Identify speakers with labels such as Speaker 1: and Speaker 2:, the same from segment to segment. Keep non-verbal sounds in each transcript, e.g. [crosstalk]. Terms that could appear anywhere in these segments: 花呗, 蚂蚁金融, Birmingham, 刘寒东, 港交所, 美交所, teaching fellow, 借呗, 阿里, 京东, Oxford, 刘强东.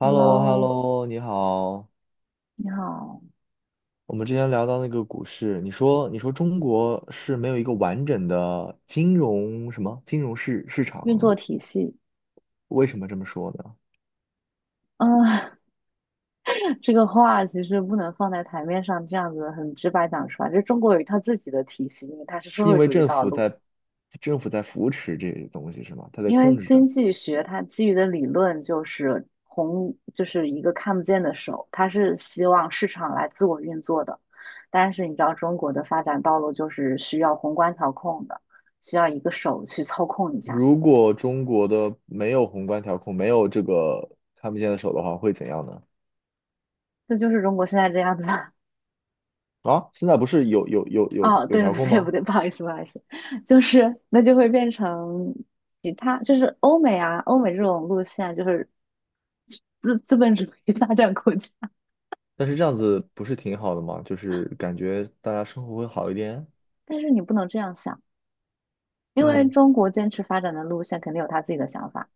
Speaker 1: h e l l o h e l l
Speaker 2: Hello，
Speaker 1: o 你好。
Speaker 2: 你好。
Speaker 1: 我们之前聊到那个股市，你说中国是没有一个完整的金融金融市市
Speaker 2: 运
Speaker 1: 场，
Speaker 2: 作体系，
Speaker 1: 为什么这么说呢？
Speaker 2: 啊、[laughs] 这个话其实不能放在台面上这样子很直白讲出来。就中国有一套自己的体系，因为它是社
Speaker 1: 是因
Speaker 2: 会
Speaker 1: 为
Speaker 2: 主义
Speaker 1: 政
Speaker 2: 道
Speaker 1: 府
Speaker 2: 路。
Speaker 1: 在扶持这些东西是吗？它在
Speaker 2: 因为
Speaker 1: 控制
Speaker 2: 经
Speaker 1: 着。
Speaker 2: 济学它基于的理论就是红，就是一个看不见的手，它是希望市场来自我运作的。但是你知道中国的发展道路就是需要宏观调控的，需要一个手去操控一下。
Speaker 1: 如果中国的没有宏观调控，没有这个看不见的手的话，会怎样呢？
Speaker 2: 这就是中国现在这样子。[laughs]
Speaker 1: 啊，现在不是有有有有
Speaker 2: 哦，
Speaker 1: 有
Speaker 2: 对不
Speaker 1: 调
Speaker 2: 对？
Speaker 1: 控
Speaker 2: 不
Speaker 1: 吗？
Speaker 2: 对，[laughs] 不好意思，不好意思，就是那就会变成其他，就是欧美啊，欧美这种路线啊就是资本主义发展国家，
Speaker 1: 但是这样子不是挺好的吗？就是感觉大家生活会好一点。
Speaker 2: 但是你不能这样想，因为
Speaker 1: 嗯。
Speaker 2: 中国坚持发展的路线肯定有他自己的想法，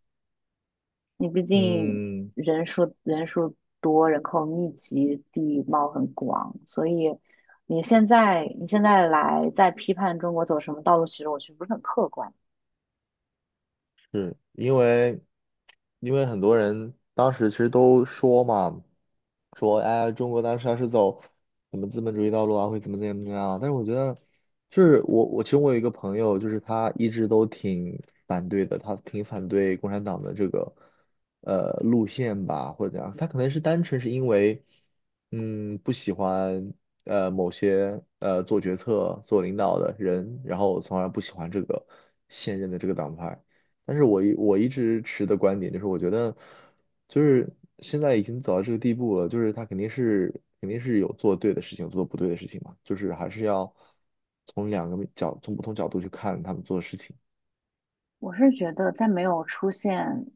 Speaker 2: 你毕竟
Speaker 1: 嗯，
Speaker 2: 人数多，人口密集，地貌很广，所以你现在来在批判中国走什么道路，其实我觉得不是很客观。
Speaker 1: 是因为，很多人当时其实都说嘛，说哎，中国当时要是走什么资本主义道路啊，会怎么样啊，但是我觉得，就是我其实我有一个朋友，就是他一直都挺反对的，他挺反对共产党的这个路线吧，或者怎样。他可能是单纯是因为，不喜欢某些做决策、做领导的人，然后从而不喜欢这个现任的这个党派。但是我一直持的观点就是，我觉得就是现在已经走到这个地步了，就是他肯定是有做对的事情，做不对的事情嘛，就是还是要从不同角度去看他们做的事情。
Speaker 2: 我是觉得，在没有出现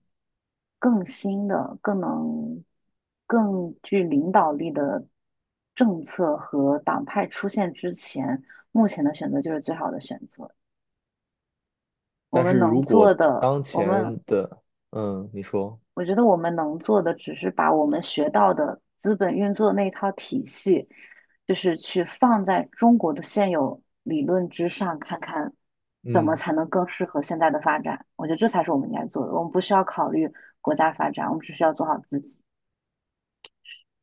Speaker 2: 更新的、更能、更具领导力的政策和党派出现之前，目前的选择就是最好的选择。我
Speaker 1: 但
Speaker 2: 们
Speaker 1: 是
Speaker 2: 能
Speaker 1: 如
Speaker 2: 做
Speaker 1: 果
Speaker 2: 的，
Speaker 1: 当
Speaker 2: 我们
Speaker 1: 前的，你说，
Speaker 2: 我觉得我们能做的，只是把我们学到的资本运作那一套体系，就是去放在中国的现有理论之上，看看怎么
Speaker 1: 嗯，
Speaker 2: 才能更适合现在的发展。我觉得这才是我们应该做的。我们不需要考虑国家发展，我们只需要做好自己。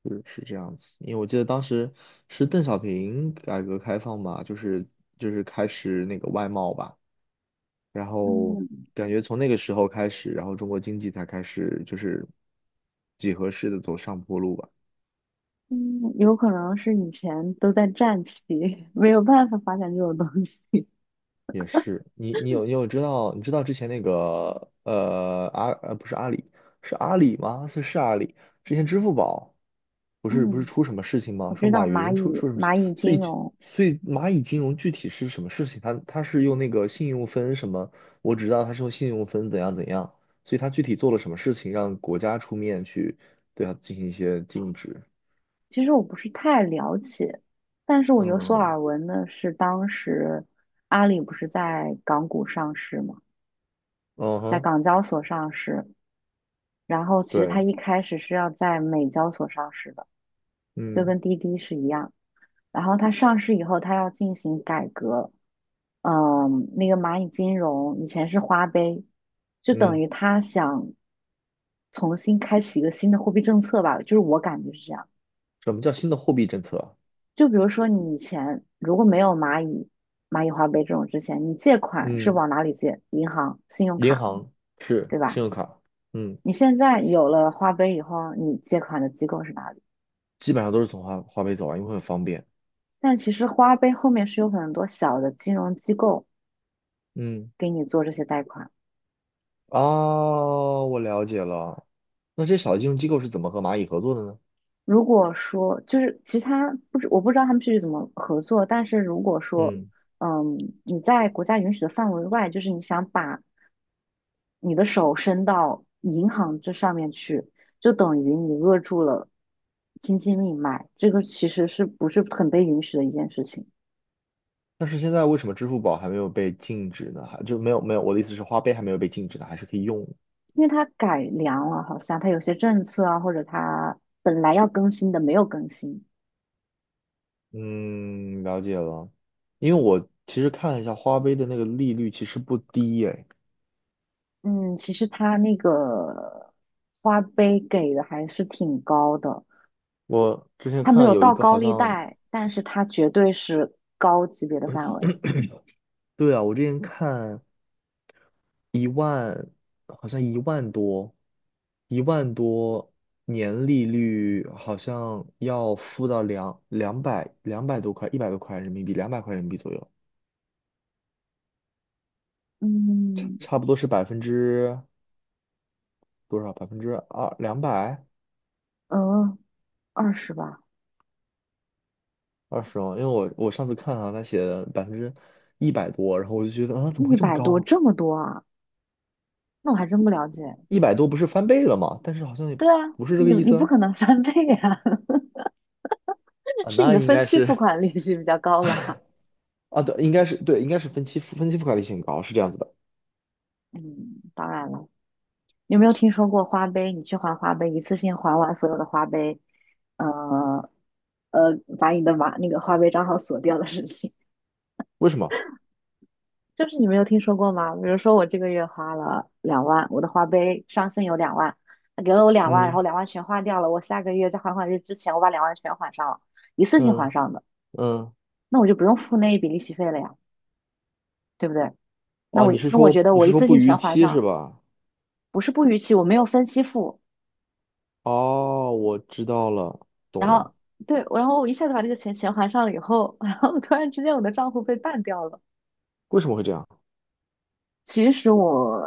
Speaker 1: 是是这样子，因为我记得当时是邓小平改革开放嘛，就是开始那个外贸吧。然后
Speaker 2: 嗯，
Speaker 1: 感觉从那个时候开始，然后中国经济才开始就是几何式的走上坡路吧。
Speaker 2: 嗯，有可能是以前都在战旗，[laughs] 没有办法发展这种东西。
Speaker 1: 也是，你知道之前那个呃阿呃不是阿里是阿里吗？是阿里，之前支付宝不是不是
Speaker 2: 嗯，
Speaker 1: 出什么事情
Speaker 2: 我
Speaker 1: 吗？说
Speaker 2: 知道
Speaker 1: 马
Speaker 2: 蚂
Speaker 1: 云
Speaker 2: 蚁
Speaker 1: 出什么事，
Speaker 2: 蚂蚁
Speaker 1: 所
Speaker 2: 金
Speaker 1: 以
Speaker 2: 融，
Speaker 1: 所以蚂蚁金融具体是什么事情？它是用那个信用分什么？我只知道它是用信用分怎样怎样，所以它具体做了什么事情让国家出面去对它进行一些禁止？
Speaker 2: 其实我不是太了解，但是我有所
Speaker 1: 嗯
Speaker 2: 耳闻的是，当时阿里不是在港股上市嘛，
Speaker 1: 嗯
Speaker 2: 在
Speaker 1: 哼，
Speaker 2: 港交所上市，然后其实它
Speaker 1: 对，
Speaker 2: 一开始是要在美交所上市的，就
Speaker 1: 嗯
Speaker 2: 跟滴滴是一样。然后它上市以后，它要进行改革，嗯，那个蚂蚁金融以前是花呗，就等
Speaker 1: 嗯，
Speaker 2: 于他想重新开启一个新的货币政策吧，就是我感觉是这样。
Speaker 1: 什么叫新的货币政策啊？
Speaker 2: 就比如说你以前如果没有蚂蚁花呗这种之前，你借款是
Speaker 1: 嗯。
Speaker 2: 往哪里借？银行、信用
Speaker 1: 银
Speaker 2: 卡，
Speaker 1: 行是
Speaker 2: 对吧？
Speaker 1: 信用卡，嗯，
Speaker 2: 你现在有了花呗以后，你借款的机构是哪里？
Speaker 1: 基本上都是从花呗走啊，因为很方便。
Speaker 2: 但其实花呗后面是有很多小的金融机构
Speaker 1: 嗯，
Speaker 2: 给你做这些贷款。
Speaker 1: 啊，我了解了。那这些小金融机构是怎么和蚂蚁合作的呢？
Speaker 2: 如果说就是其实他不知我不知道他们具体怎么合作，但是如果说，
Speaker 1: 嗯，
Speaker 2: 嗯，你在国家允许的范围外，就是你想把你的手伸到银行这上面去，就等于你扼住了经济命脉，这个其实是不是很被允许的一件事情？
Speaker 1: 但是现在为什么支付宝还没有被禁止呢？还就没有没有，我的意思是花呗还没有被禁止呢，还是可以用的。
Speaker 2: 因为它改良了，好像它有些政策啊，或者它本来要更新的没有更新。
Speaker 1: 嗯，了解了。因为其实看了一下花呗的那个利率，其实不低诶。
Speaker 2: 嗯，其实它那个花呗给的还是挺高的。
Speaker 1: 我之前
Speaker 2: 它没
Speaker 1: 看
Speaker 2: 有
Speaker 1: 有一
Speaker 2: 到
Speaker 1: 个
Speaker 2: 高
Speaker 1: 好
Speaker 2: 利
Speaker 1: 像，
Speaker 2: 贷，但是它绝对是高级别的范围。
Speaker 1: 对啊，我之前看。一万，好像一万多，一万多年利率好像要付到200多块，100多块人民币，200块人民币左右，
Speaker 2: 嗯，
Speaker 1: 差不多是百分之多少？百分之二两百
Speaker 2: 呃，20吧，
Speaker 1: 二十哦，因为我上次看啊，他写的100多%，然后我就觉得啊，怎么
Speaker 2: 一
Speaker 1: 会这么
Speaker 2: 百
Speaker 1: 高
Speaker 2: 多，
Speaker 1: 啊？
Speaker 2: 这么多啊？那我还真不了解。
Speaker 1: 一百多不是翻倍了吗？但是好像也
Speaker 2: 对啊，
Speaker 1: 不是这个
Speaker 2: 你
Speaker 1: 意
Speaker 2: 你
Speaker 1: 思
Speaker 2: 不
Speaker 1: 啊，
Speaker 2: 可能翻倍啊，[laughs]
Speaker 1: 啊
Speaker 2: 是你
Speaker 1: 那
Speaker 2: 的
Speaker 1: 应
Speaker 2: 分
Speaker 1: 该
Speaker 2: 期付
Speaker 1: 是
Speaker 2: 款利息比较高吧？
Speaker 1: 啊，对，应该是对，应该是分期付款利息很高，是这样子的，
Speaker 2: [laughs] 嗯，当然了，你有没有听说过花呗？你去还花呗，一次性还完所有的花呗，呃把你的把那个花呗账号锁掉的事情。
Speaker 1: 为什么？
Speaker 2: 就是你没有听说过吗？比如说我这个月花了两万，我的花呗上限有两万，他给了我两万，然后
Speaker 1: 嗯。
Speaker 2: 两万全花掉了。我下个月在还款日之前，我把两万全还上了，一次性还
Speaker 1: 嗯
Speaker 2: 上的，
Speaker 1: 嗯，
Speaker 2: 那我就不用付那一笔利息费了呀，对不对？那
Speaker 1: 哦，
Speaker 2: 我那我觉得
Speaker 1: 你
Speaker 2: 我
Speaker 1: 是
Speaker 2: 一
Speaker 1: 说
Speaker 2: 次
Speaker 1: 不
Speaker 2: 性
Speaker 1: 逾
Speaker 2: 全还
Speaker 1: 期是
Speaker 2: 上，
Speaker 1: 吧？
Speaker 2: 不是不逾期，我没有分期付，
Speaker 1: 哦，我知道了，懂
Speaker 2: 然
Speaker 1: 了，
Speaker 2: 后对，然后我一下子把这个钱全还上了以后，然后突然之间我的账户被办掉了，
Speaker 1: 为什么会这样？
Speaker 2: 其实我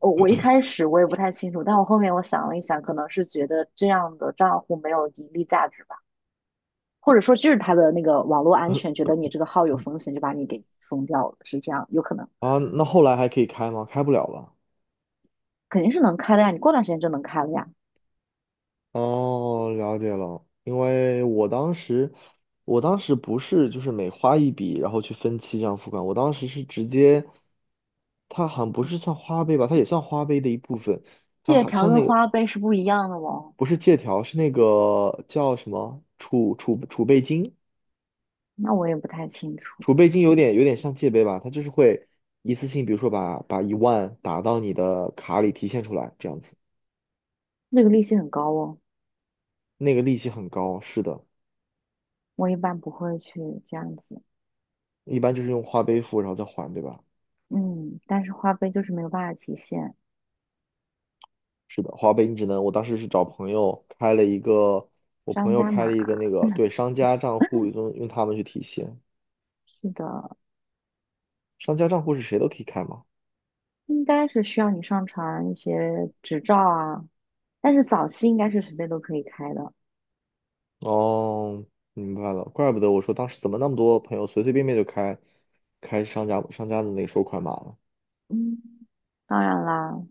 Speaker 2: 我我一开始我也不太清楚，但我后面我想了一想，可能是觉得这样的账户没有盈利价值吧，或者说就是他的那个网络安
Speaker 1: 嗯
Speaker 2: 全，觉得你这个号有风险，就把你给封掉了，是这样，有可能，
Speaker 1: 啊，那后来还可以开吗？开不了了。
Speaker 2: 肯定是能开的呀，你过段时间就能开了呀。
Speaker 1: 哦，了解了，因为我当时不是就是每花一笔，然后去分期这样付款，我当时是直接，它好像不是算花呗吧，它也算花呗的一部分，它
Speaker 2: 借
Speaker 1: 还
Speaker 2: 条
Speaker 1: 算
Speaker 2: 跟
Speaker 1: 那个
Speaker 2: 花呗是不一样的哦，
Speaker 1: 不是借条，是那个叫什么储备金，
Speaker 2: 那我也不太清楚，
Speaker 1: 储备金，有点像借呗吧，它就是会一次性，比如说把一万打到你的卡里提现出来，这样子，
Speaker 2: 那个利息很高哦，
Speaker 1: 那个利息很高，是的，
Speaker 2: 我一般不会去这样子，
Speaker 1: 一般就是用花呗付，然后再还，对吧？
Speaker 2: 嗯，但是花呗就是没有办法提现，
Speaker 1: 是的，花呗你只能，我当时是找朋友开了一个，我朋
Speaker 2: 商
Speaker 1: 友
Speaker 2: 家
Speaker 1: 开了
Speaker 2: 码，
Speaker 1: 一个那个，对，商家账户，用他们去提现，
Speaker 2: 是的，
Speaker 1: 商家账户是谁都可以开吗？
Speaker 2: 应该是需要你上传一些执照啊，但是早期应该是随便都可以开的。
Speaker 1: 哦，明白了，怪不得我说当时怎么那么多朋友随随便便就开商家的那个收款码了，
Speaker 2: 嗯，当然啦，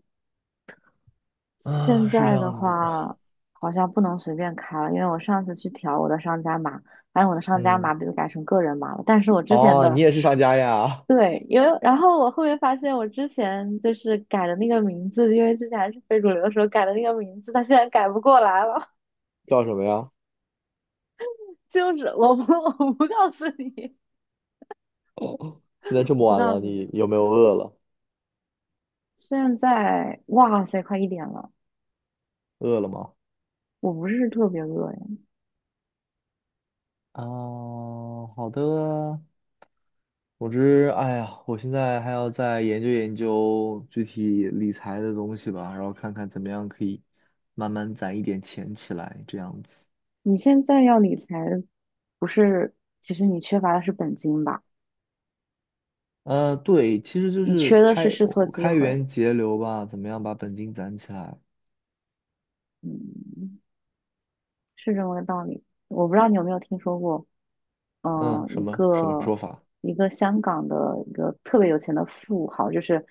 Speaker 2: 现
Speaker 1: 啊，是这
Speaker 2: 在的
Speaker 1: 样的。
Speaker 2: 话好像不能随便开了，因为我上次去调我的商家码，发现我的商家码
Speaker 1: 嗯。
Speaker 2: 被改成个人码了。但是我之前
Speaker 1: 哦，你
Speaker 2: 的，
Speaker 1: 也是商家呀？
Speaker 2: 对，因为然后我后面发现我之前就是改的那个名字，因为之前还是非主流的时候改的那个名字，它现在改不过来了。[laughs]
Speaker 1: 叫什么呀？
Speaker 2: 就是我不告诉你，
Speaker 1: 现在这
Speaker 2: [laughs]
Speaker 1: 么
Speaker 2: 不
Speaker 1: 晚
Speaker 2: 告
Speaker 1: 了，
Speaker 2: 诉
Speaker 1: 你
Speaker 2: 你。
Speaker 1: 有没有饿了？
Speaker 2: 现在，哇塞，快1点了，
Speaker 1: 饿了吗？
Speaker 2: 我不是特别饿呀。
Speaker 1: 啊，好的。总之，哎呀，我现在还要再研究研究具体理财的东西吧，然后看看怎么样可以慢慢攒一点钱起来，这样子。
Speaker 2: 你现在要理财，不是，其实你缺乏的是本金吧？
Speaker 1: 对，其实就
Speaker 2: 你
Speaker 1: 是
Speaker 2: 缺的是试错
Speaker 1: 我
Speaker 2: 机
Speaker 1: 开
Speaker 2: 会，
Speaker 1: 源节流吧，怎么样把本金攒起来？
Speaker 2: 嗯，是这么个道理。我不知道你有没有听说过，
Speaker 1: 嗯，
Speaker 2: 嗯，
Speaker 1: 什
Speaker 2: 一
Speaker 1: 么什么
Speaker 2: 个
Speaker 1: 说法？
Speaker 2: 一个香港的一个特别有钱的富豪，就是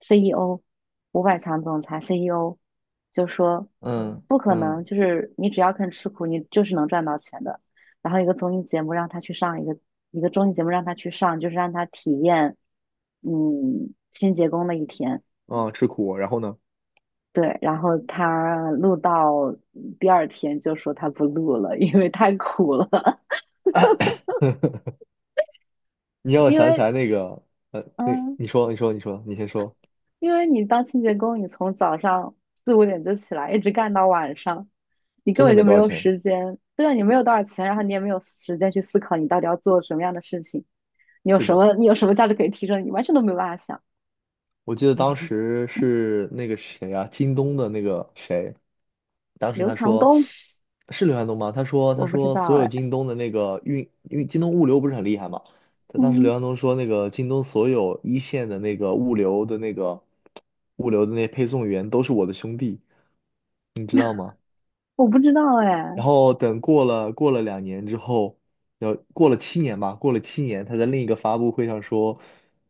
Speaker 2: CEO，500强总裁 CEO，就说
Speaker 1: 嗯
Speaker 2: 不可能，
Speaker 1: 嗯，
Speaker 2: 就是你只要肯吃苦，你就是能赚到钱的。然后一个综艺节目让他去上，一个综艺节目让他去上，就是让他体验，嗯，清洁工的一天。
Speaker 1: 哦，吃苦，然后呢？
Speaker 2: 对，然后他录到第二天就说他不录了，因为太苦了。
Speaker 1: 你
Speaker 2: [laughs]
Speaker 1: 让我
Speaker 2: 因
Speaker 1: 想起
Speaker 2: 为
Speaker 1: 来那个，那
Speaker 2: 嗯，
Speaker 1: 你说，你说，你说，你先说，
Speaker 2: 因为你当清洁工，你从早上四五点就起来，一直干到晚上，你根
Speaker 1: 真的
Speaker 2: 本
Speaker 1: 没
Speaker 2: 就没
Speaker 1: 多少
Speaker 2: 有
Speaker 1: 钱。
Speaker 2: 时间。对啊，你没有多少钱，然后你也没有时间去思考你到底要做什么样的事情，你有
Speaker 1: 是
Speaker 2: 什
Speaker 1: 的，
Speaker 2: 么你有什么价值可以提升，你完全都没有办法想。
Speaker 1: 我记得当时是那个谁啊，京东的那个谁，当时
Speaker 2: 刘
Speaker 1: 他
Speaker 2: 强
Speaker 1: 说
Speaker 2: 东，
Speaker 1: 是刘寒东吗？
Speaker 2: 我
Speaker 1: 他
Speaker 2: 不知
Speaker 1: 说
Speaker 2: 道
Speaker 1: 所有
Speaker 2: 哎，
Speaker 1: 京东的那个运，因为京东物流不是很厉害嘛，他当时
Speaker 2: 嗯，
Speaker 1: 刘寒东说那个京东所有一线的物流的那配送员都是我的兄弟，你知道吗？
Speaker 2: 我不知道哎，
Speaker 1: 然后等过了2年之后，要过了七年吧，过了七年，他在另一个发布会上说，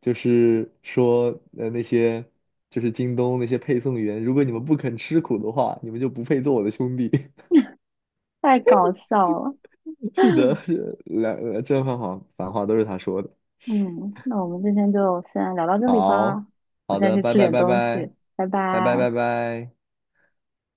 Speaker 1: 就是说那些就是京东那些配送员，如果你们不肯吃苦的话，你们就不配做我的兄弟。
Speaker 2: 太搞笑了。
Speaker 1: [laughs] 是的，是正反话都是他说的。
Speaker 2: 嗯，那我们今天就先聊到这里
Speaker 1: 好，
Speaker 2: 吧，我
Speaker 1: 好
Speaker 2: 先
Speaker 1: 的，
Speaker 2: 去
Speaker 1: 拜
Speaker 2: 吃
Speaker 1: 拜
Speaker 2: 点
Speaker 1: 拜
Speaker 2: 东
Speaker 1: 拜，
Speaker 2: 西，拜
Speaker 1: 拜拜
Speaker 2: 拜。
Speaker 1: 拜拜。